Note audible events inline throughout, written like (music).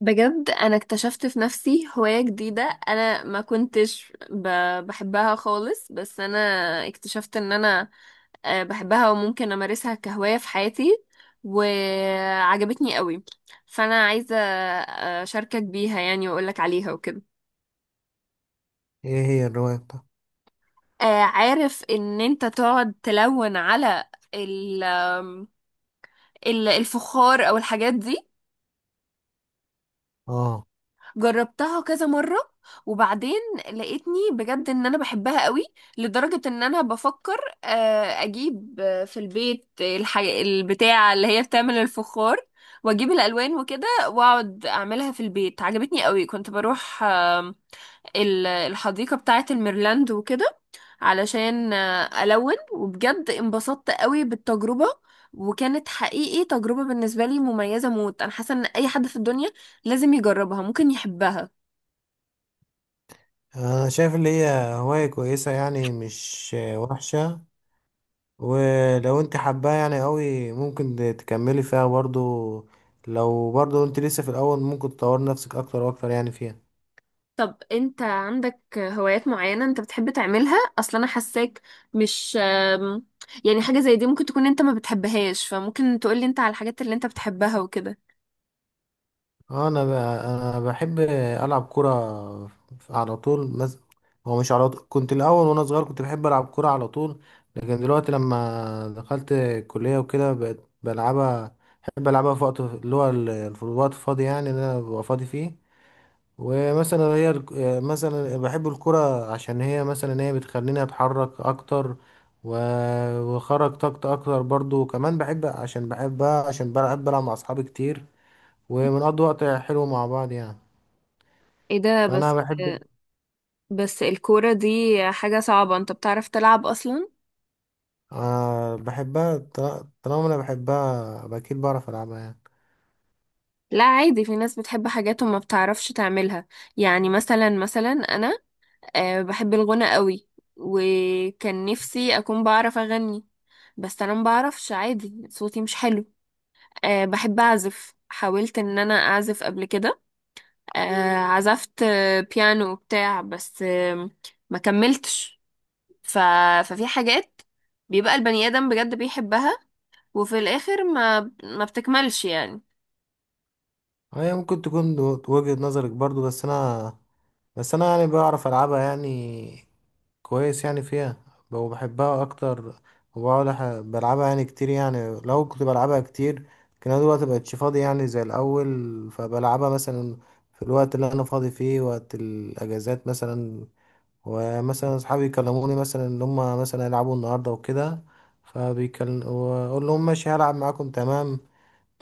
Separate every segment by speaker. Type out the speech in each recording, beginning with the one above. Speaker 1: بجد انا اكتشفت في نفسي هواية جديدة. انا ما كنتش ب... بحبها خالص، بس انا اكتشفت ان انا بحبها وممكن امارسها كهواية في حياتي، وعجبتني قوي. فانا عايزة اشاركك بيها، يعني واقولك عليها وكده.
Speaker 2: ايه هي الرواية بتاعتك؟
Speaker 1: عارف ان انت تقعد تلون على ال... آم، الفخار او الحاجات دي.
Speaker 2: اه،
Speaker 1: جربتها كذا مرة وبعدين لقيتني بجد ان انا بحبها قوي، لدرجة ان انا بفكر اجيب في البيت البتاع اللي هي بتعمل الفخار، واجيب الالوان وكده واقعد اعملها في البيت. عجبتني قوي. كنت بروح الحديقة بتاعة الميرلاند وكده علشان ألون، وبجد انبسطت قوي بالتجربة، وكانت حقيقي تجربة بالنسبة لي مميزة موت. أنا حاسة إن أي حد في الدنيا لازم يجربها، ممكن يحبها.
Speaker 2: انا شايف اللي هي هواية كويسة، يعني مش وحشة. ولو انت حباها يعني قوي، ممكن تكملي فيها برضو. لو برضو انت لسه في الاول، ممكن تطور نفسك اكتر واكتر يعني فيها.
Speaker 1: طب أنت عندك هوايات معينة أنت بتحب تعملها أصلا؟ أنا حاساك مش يعني حاجة زي دي ممكن تكون أنت ما بتحبهاش، فممكن تقولي أنت على الحاجات اللي أنت بتحبها وكده.
Speaker 2: اه، انا بحب العب كوره على طول هو مش على طول. كنت الاول وانا صغير كنت بحب العب كوره على طول، لكن دلوقتي لما دخلت الكليه وكده بقيت بلعبها. بحب العبها في وقت اللي هو الوقت الفاضي، يعني اللي انا ببقى فاضي فيه. ومثلا مثلا بحب الكوره، عشان هي مثلا هي بتخليني اتحرك اكتر، و... وخرج طاقتي اكتر برضو. وكمان بحب عشان بحبها، عشان بلعب مع اصحابي كتير، وبنقضي وقت حلو مع بعض يعني.
Speaker 1: ايه ده بس!
Speaker 2: فأنا بحب،
Speaker 1: بس الكورة دي حاجة صعبة، انت بتعرف تلعب اصلا؟
Speaker 2: آه، بحبها. طالما أنا بحبها يبقى أكيد بعرف ألعبها يعني.
Speaker 1: لا، عادي، في ناس بتحب حاجات وما بتعرفش تعملها. يعني مثلا انا بحب الغنى قوي، وكان نفسي اكون بعرف اغني، بس انا ما بعرفش، عادي، صوتي مش حلو. بحب اعزف، حاولت ان انا اعزف قبل كده. عزفت بيانو وبتاع، بس ما كملتش. ف... ففي حاجات بيبقى البني ادم بجد بيحبها، وفي الاخر ما بتكملش يعني.
Speaker 2: هي ممكن تكون وجهة نظرك برضو، بس أنا، يعني بعرف ألعبها يعني كويس يعني فيها. وبحبها أكتر. وبقعد بلعبها يعني كتير. يعني لو كنت بلعبها كتير كان أنا دلوقتي مبقتش فاضي يعني زي الأول، فبلعبها مثلا في الوقت اللي أنا فاضي فيه، وقت الأجازات مثلا. ومثلا اصحابي يكلموني مثلا ان هم مثلا يلعبوا النهارده وكده، فبيكلم واقول لهم ماشي هلعب معاكم تمام.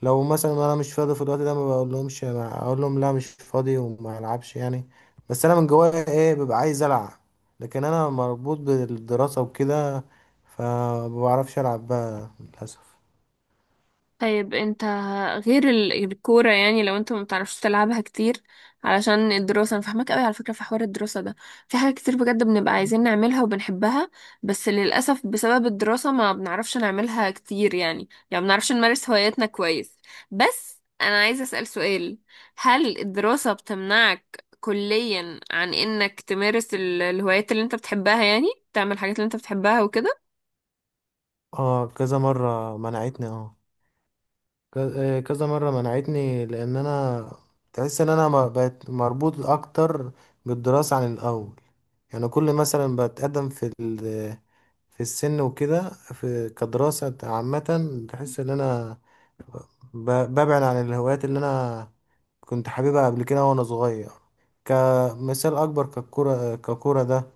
Speaker 2: لو مثلا انا مش فاضي في الوقت ده ما بقول لهمش، اقول لهم لا مش فاضي وما العبش يعني. بس انا من جوايا ايه ببقى عايز العب، لكن انا مربوط بالدراسة وكده، فما بعرفش العب بقى للاسف.
Speaker 1: طيب انت، غير الكورة، يعني لو انت ما بتعرفش تلعبها كتير علشان الدراسة، انا فاهمك قوي. على فكرة في حوار الدراسة ده، في حاجات كتير بجد بنبقى عايزين نعملها وبنحبها، بس للأسف بسبب الدراسة ما بنعرفش نعملها كتير، يعني ما بنعرفش نمارس هواياتنا كويس. بس انا عايزة أسأل سؤال: هل الدراسة بتمنعك كليا عن انك تمارس الهوايات اللي انت بتحبها، يعني تعمل الحاجات اللي انت بتحبها وكده؟
Speaker 2: اه، كذا مرة منعتني. اه، كذا مرة منعتني، لان انا تحس ان انا بقيت مربوط اكتر بالدراسة عن الاول. يعني كل مثلا بتقدم في في السن وكده في كدراسة عامة، تحس ان انا ببعد عن الهوايات اللي انا كنت حاببها قبل كده وانا صغير. كمثال اكبر، ككرة ده،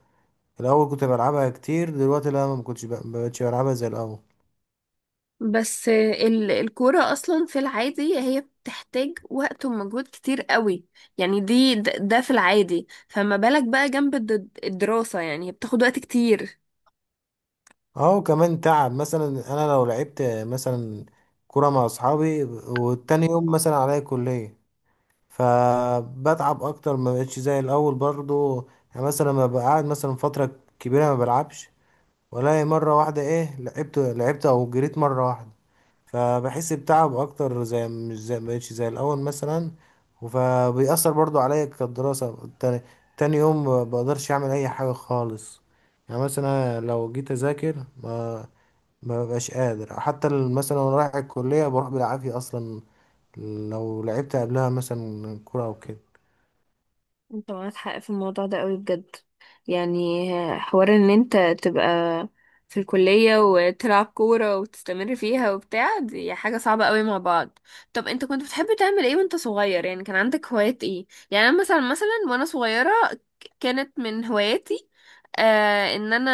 Speaker 2: الاول كنت بلعبها كتير، دلوقتي لا، ما كنتش ما بقتش بلعبها زي الاول.
Speaker 1: بس الكورة أصلا في العادي هي بتحتاج وقت ومجهود كتير قوي، يعني دي ده في العادي، فما بالك بقى جنب الدراسة، يعني هي بتاخد وقت كتير.
Speaker 2: اه، كمان تعب مثلا. انا لو لعبت مثلا كرة مع اصحابي والتاني يوم مثلا عليا كلية، فبتعب اكتر، ما بقتش زي الاول برضو. يعني مثلا لما ببقى قاعد مثلا فتره كبيره ما بلعبش ولا مره واحده، ايه لعبت او جريت مره واحده، فبحس بتعب اكتر، زي مش زي ما بقتش زي الاول مثلا. فبيأثر برضو عليا كدراسه تاني، تاني يوم ما بقدرش اعمل اي حاجه خالص. يعني مثلا لو جيت اذاكر ما ببقاش قادر، حتى مثلا وانا رايح الكليه بروح بالعافيه اصلا لو لعبت قبلها مثلا كوره او كده.
Speaker 1: انت معاك حق في الموضوع ده قوي بجد، يعني حوار ان انت تبقى في الكلية وتلعب كورة وتستمر فيها وبتاع، دي حاجة صعبة قوي مع بعض. طب انت كنت بتحب تعمل ايه وانت صغير؟ يعني كان عندك هوايات ايه؟ يعني انا مثلا وانا صغيرة، كانت من هواياتي آه ان انا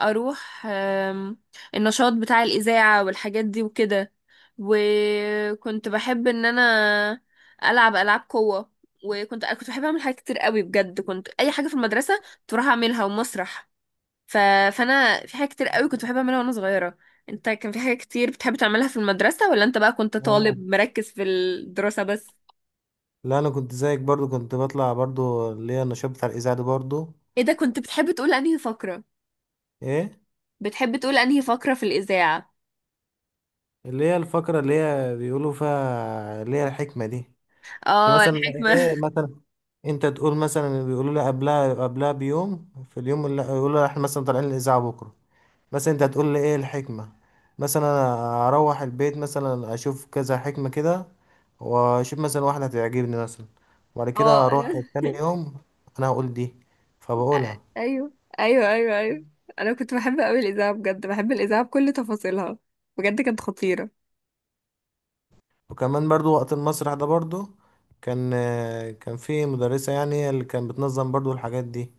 Speaker 1: اروح النشاط بتاع الإذاعة والحاجات دي وكده، وكنت بحب ان انا العب العاب قوة، وكنت أنا كنت بحب اعمل حاجات كتير قوي بجد، كنت اي حاجه في المدرسه كنت بروح اعملها، ومسرح. ف... فانا في حاجات كتير قوي كنت بحب اعملها وانا صغيره. انت كان في حاجات كتير بتحب تعملها في المدرسه، ولا انت بقى كنت
Speaker 2: آه.
Speaker 1: طالب مركز في الدراسه بس؟
Speaker 2: لا انا كنت زيك برضو، كنت بطلع برضو اللي هي النشاط بتاع الاذاعه دي برضو.
Speaker 1: ايه ده! كنت بتحب تقول انهي فقره؟
Speaker 2: ايه؟
Speaker 1: بتحب تقول انهي فقره في الاذاعه؟
Speaker 2: اللي هي الفقره اللي هي بيقولوا فيها اللي هي الحكمه دي. كنت
Speaker 1: اه،
Speaker 2: مثلا
Speaker 1: الحكمه.
Speaker 2: ايه
Speaker 1: (laughs)
Speaker 2: مثلا، انت تقول مثلا، بيقولوا لي قبلها بيوم، في اليوم اللي يقولوا لي احنا مثلا طالعين الاذاعه بكره، مثلا انت هتقول لي ايه الحكمه. مثلا انا اروح البيت مثلا اشوف كذا حكمه كده، واشوف مثلا واحده هتعجبني مثلا، وبعد كده
Speaker 1: اه،
Speaker 2: اروح
Speaker 1: انا
Speaker 2: تاني يوم، انا هقول دي، فبقولها.
Speaker 1: ايوه، ايوه، ايوه، ايوه، انا كنت بحب قوي الاذاعه، بجد بحب الاذاعه بكل تفاصيلها، بجد كانت خطيره.
Speaker 2: وكمان برضو وقت المسرح ده برضو. كان كان في مدرسة، يعني هي اللي كانت بتنظم برضو الحاجات دي.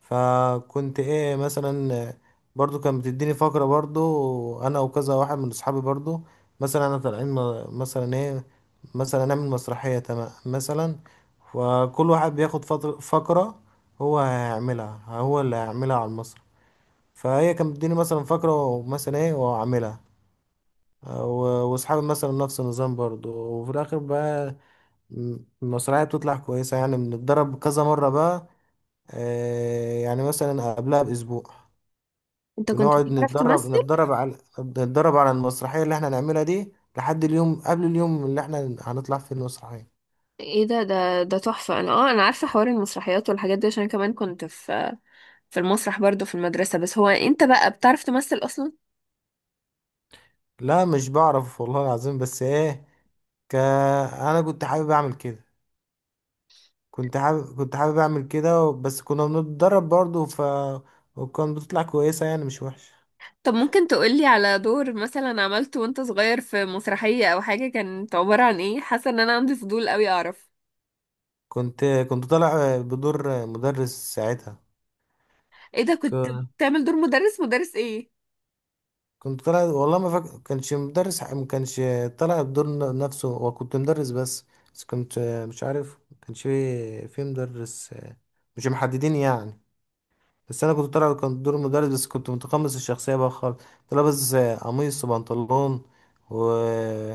Speaker 2: فكنت ايه مثلا، برضو كانت بتديني فقرة، برضو انا وكذا واحد من اصحابي برضو، مثلا انا طالعين مثلا ايه، مثلا نعمل مسرحية تمام مثلا، وكل واحد بياخد فقرة، هو هيعملها، هو اللي هيعملها على المسرح. فهي كانت بتديني مثلا فقرة ومثلا ايه واعملها، واصحابي مثلا نفس النظام برضو. وفي الاخر بقى المسرحية بتطلع كويسة يعني، بنتدرب كذا مرة بقى، يعني مثلا قبلها بأسبوع.
Speaker 1: انت كنت
Speaker 2: بنقعد
Speaker 1: بتعرف
Speaker 2: نتدرب
Speaker 1: تمثل؟
Speaker 2: نتدرب على المسرحية اللي احنا هنعملها دي لحد اليوم قبل اليوم اللي احنا هنطلع فيه المسرحية.
Speaker 1: ايه ده، تحفة! انا انا عارفة حوار المسرحيات والحاجات دي، عشان كمان كنت في المسرح برضو في المدرسة. بس هو انت بقى بتعرف تمثل اصلا؟
Speaker 2: لا مش بعرف والله العظيم، بس ايه، انا كنت حابب اعمل كده. كنت حابب اعمل كده، بس كنا بنتدرب برضه ف، وكان بتطلع كويسة يعني مش وحشة.
Speaker 1: طب ممكن تقولي على دور مثلا عملته وانت صغير في مسرحية او حاجة؟ كانت عبارة عن ايه؟ حاسة ان انا عندي فضول قوي اعرف.
Speaker 2: كنت كنت طالع بدور مدرس ساعتها.
Speaker 1: ايه ده! كنت بتعمل دور مدرس؟ مدرس ايه؟
Speaker 2: كنت طالع والله ما فاكر كانش مدرس، ما كانش طالع الدور نفسه هو، كنت مدرس بس. بس كنت مش عارف، ما كانش في مدرس، مش محددين يعني. بس انا كنت طالع، كان دور مدرس، بس كنت متقمص الشخصيه بقى خالص، كنت لابس قميص وبنطلون و...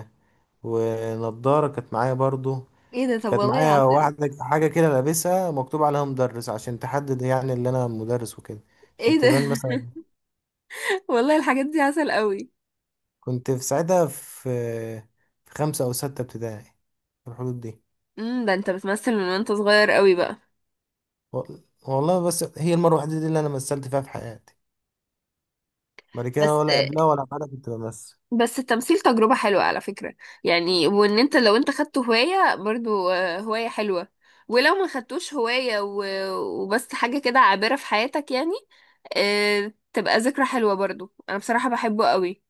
Speaker 2: ونضاره كانت معايا برضو.
Speaker 1: ايه ده، طب
Speaker 2: كانت
Speaker 1: والله
Speaker 2: معايا
Speaker 1: عسل.
Speaker 2: واحده حاجه كده لابسها مكتوب عليها مدرس، عشان تحدد يعني اللي انا مدرس وكده، عشان
Speaker 1: ايه ده!
Speaker 2: تبان مثلا.
Speaker 1: (laughs) والله الحاجات دي عسل قوي.
Speaker 2: كنت في ساعتها في خمسة أو ستة ابتدائي، في الحدود دي.
Speaker 1: ده انت بتمثل من وانت صغير قوي بقى.
Speaker 2: و- والله بس هي المرة الوحيدة دي اللي أنا مثلت فيها في حياتي، بعد كده
Speaker 1: بس
Speaker 2: ولا قبلها ولا بعدها كنت بمثل.
Speaker 1: التمثيل تجربة حلوة على فكرة، يعني وان انت لو انت خدته هواية برضو، هواية حلوة. ولو ما خدتوش هواية وبس حاجة كده عابرة في حياتك، يعني تبقى ذكرى حلوة برضو. انا بصراحة بحبه قوي.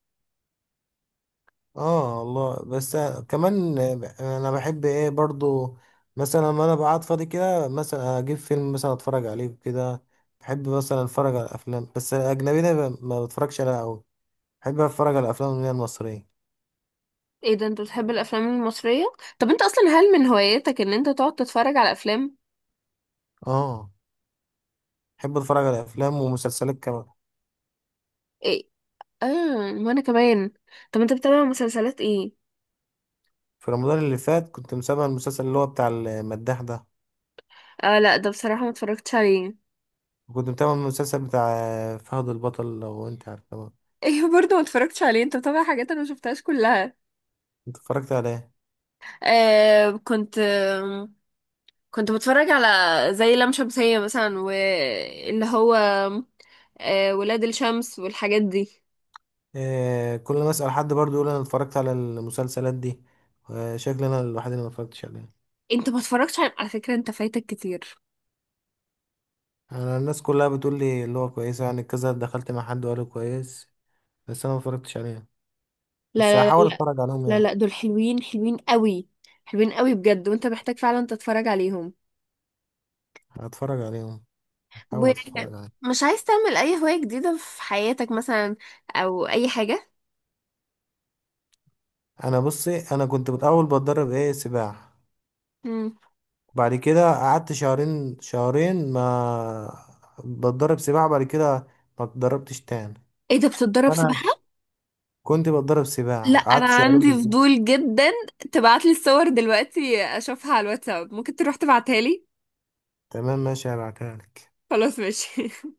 Speaker 2: اه والله، بس كمان أنا بحب إيه برضو، مثلا لما أنا بقعد فاضي كده مثلا أجيب فيلم مثلا أتفرج عليه كده. بحب مثلا أتفرج على أفلام بس الأجنبية ما بتفرجش عليها أوي، بحب أتفرج على الأفلام اللي هي المصرية.
Speaker 1: ايه ده، انت بتحب الافلام المصرية؟ طب انت اصلا هل من هواياتك ان انت تقعد تتفرج على افلام؟
Speaker 2: اه، بحب أتفرج على أفلام ومسلسلات كمان.
Speaker 1: ايه، اه، وانا كمان. طب انت بتتابع مسلسلات ايه؟
Speaker 2: في رمضان اللي فات كنت متابع المسلسل اللي هو بتاع المداح ده،
Speaker 1: اه لا، ده بصراحة ما اتفرجتش عليه.
Speaker 2: وكنت متابع المسلسل بتاع فهد البطل، لو انت عارف طبعا.
Speaker 1: (laughs) ايوه، برضو ما اتفرجتش عليه. انت بتابع حاجات انا ما شفتهاش كلها.
Speaker 2: انت اتفرجت على ايه؟
Speaker 1: آه كنت آه كنت بتفرج على زي لام شمسية مثلا، واللي هو ولاد الشمس والحاجات دي.
Speaker 2: آه، كل ما اسأل حد برضو يقول انا اتفرجت على المسلسلات دي. آه، شكلي انا الوحيد اللي ما اتفرجتش عليها.
Speaker 1: انت ما اتفرجتش. على فكرة انت فايتك كتير.
Speaker 2: انا الناس كلها بتقول لي اللي هو كويس يعني، كذا دخلت مع حد وقال لي كويس، بس انا ما اتفرجتش عليها. بس
Speaker 1: لا، لا، لا،
Speaker 2: هحاول
Speaker 1: لا،
Speaker 2: اتفرج عليهم
Speaker 1: لا،
Speaker 2: يعني.
Speaker 1: لا، دول حلوين، حلوين قوي، حلوين قوي بجد، وانت محتاج فعلا تتفرج عليهم.
Speaker 2: هتفرج عليهم. هحاول اتفرج عليهم.
Speaker 1: ومش عايز تعمل اي هواية جديدة في حياتك مثلا، او اي حاجة؟
Speaker 2: انا بصي، انا كنت بتدرب ايه سباحة،
Speaker 1: مم.
Speaker 2: بعد كده قعدت شهرين ما بتدرب سباحة، بعد كده ما اتدربتش تاني.
Speaker 1: ايه ده، بتتدرب
Speaker 2: انا
Speaker 1: سباحة؟
Speaker 2: كنت بتدرب
Speaker 1: لا
Speaker 2: سباحة،
Speaker 1: انا
Speaker 2: قعدت شهرين
Speaker 1: عندي
Speaker 2: بالظبط.
Speaker 1: فضول جدا، تبعتلي الصور دلوقتي اشوفها على الواتساب، ممكن تروح تبعتها لي؟
Speaker 2: تمام ماشي، هبعتها لك.
Speaker 1: خلاص ماشي. (laughs)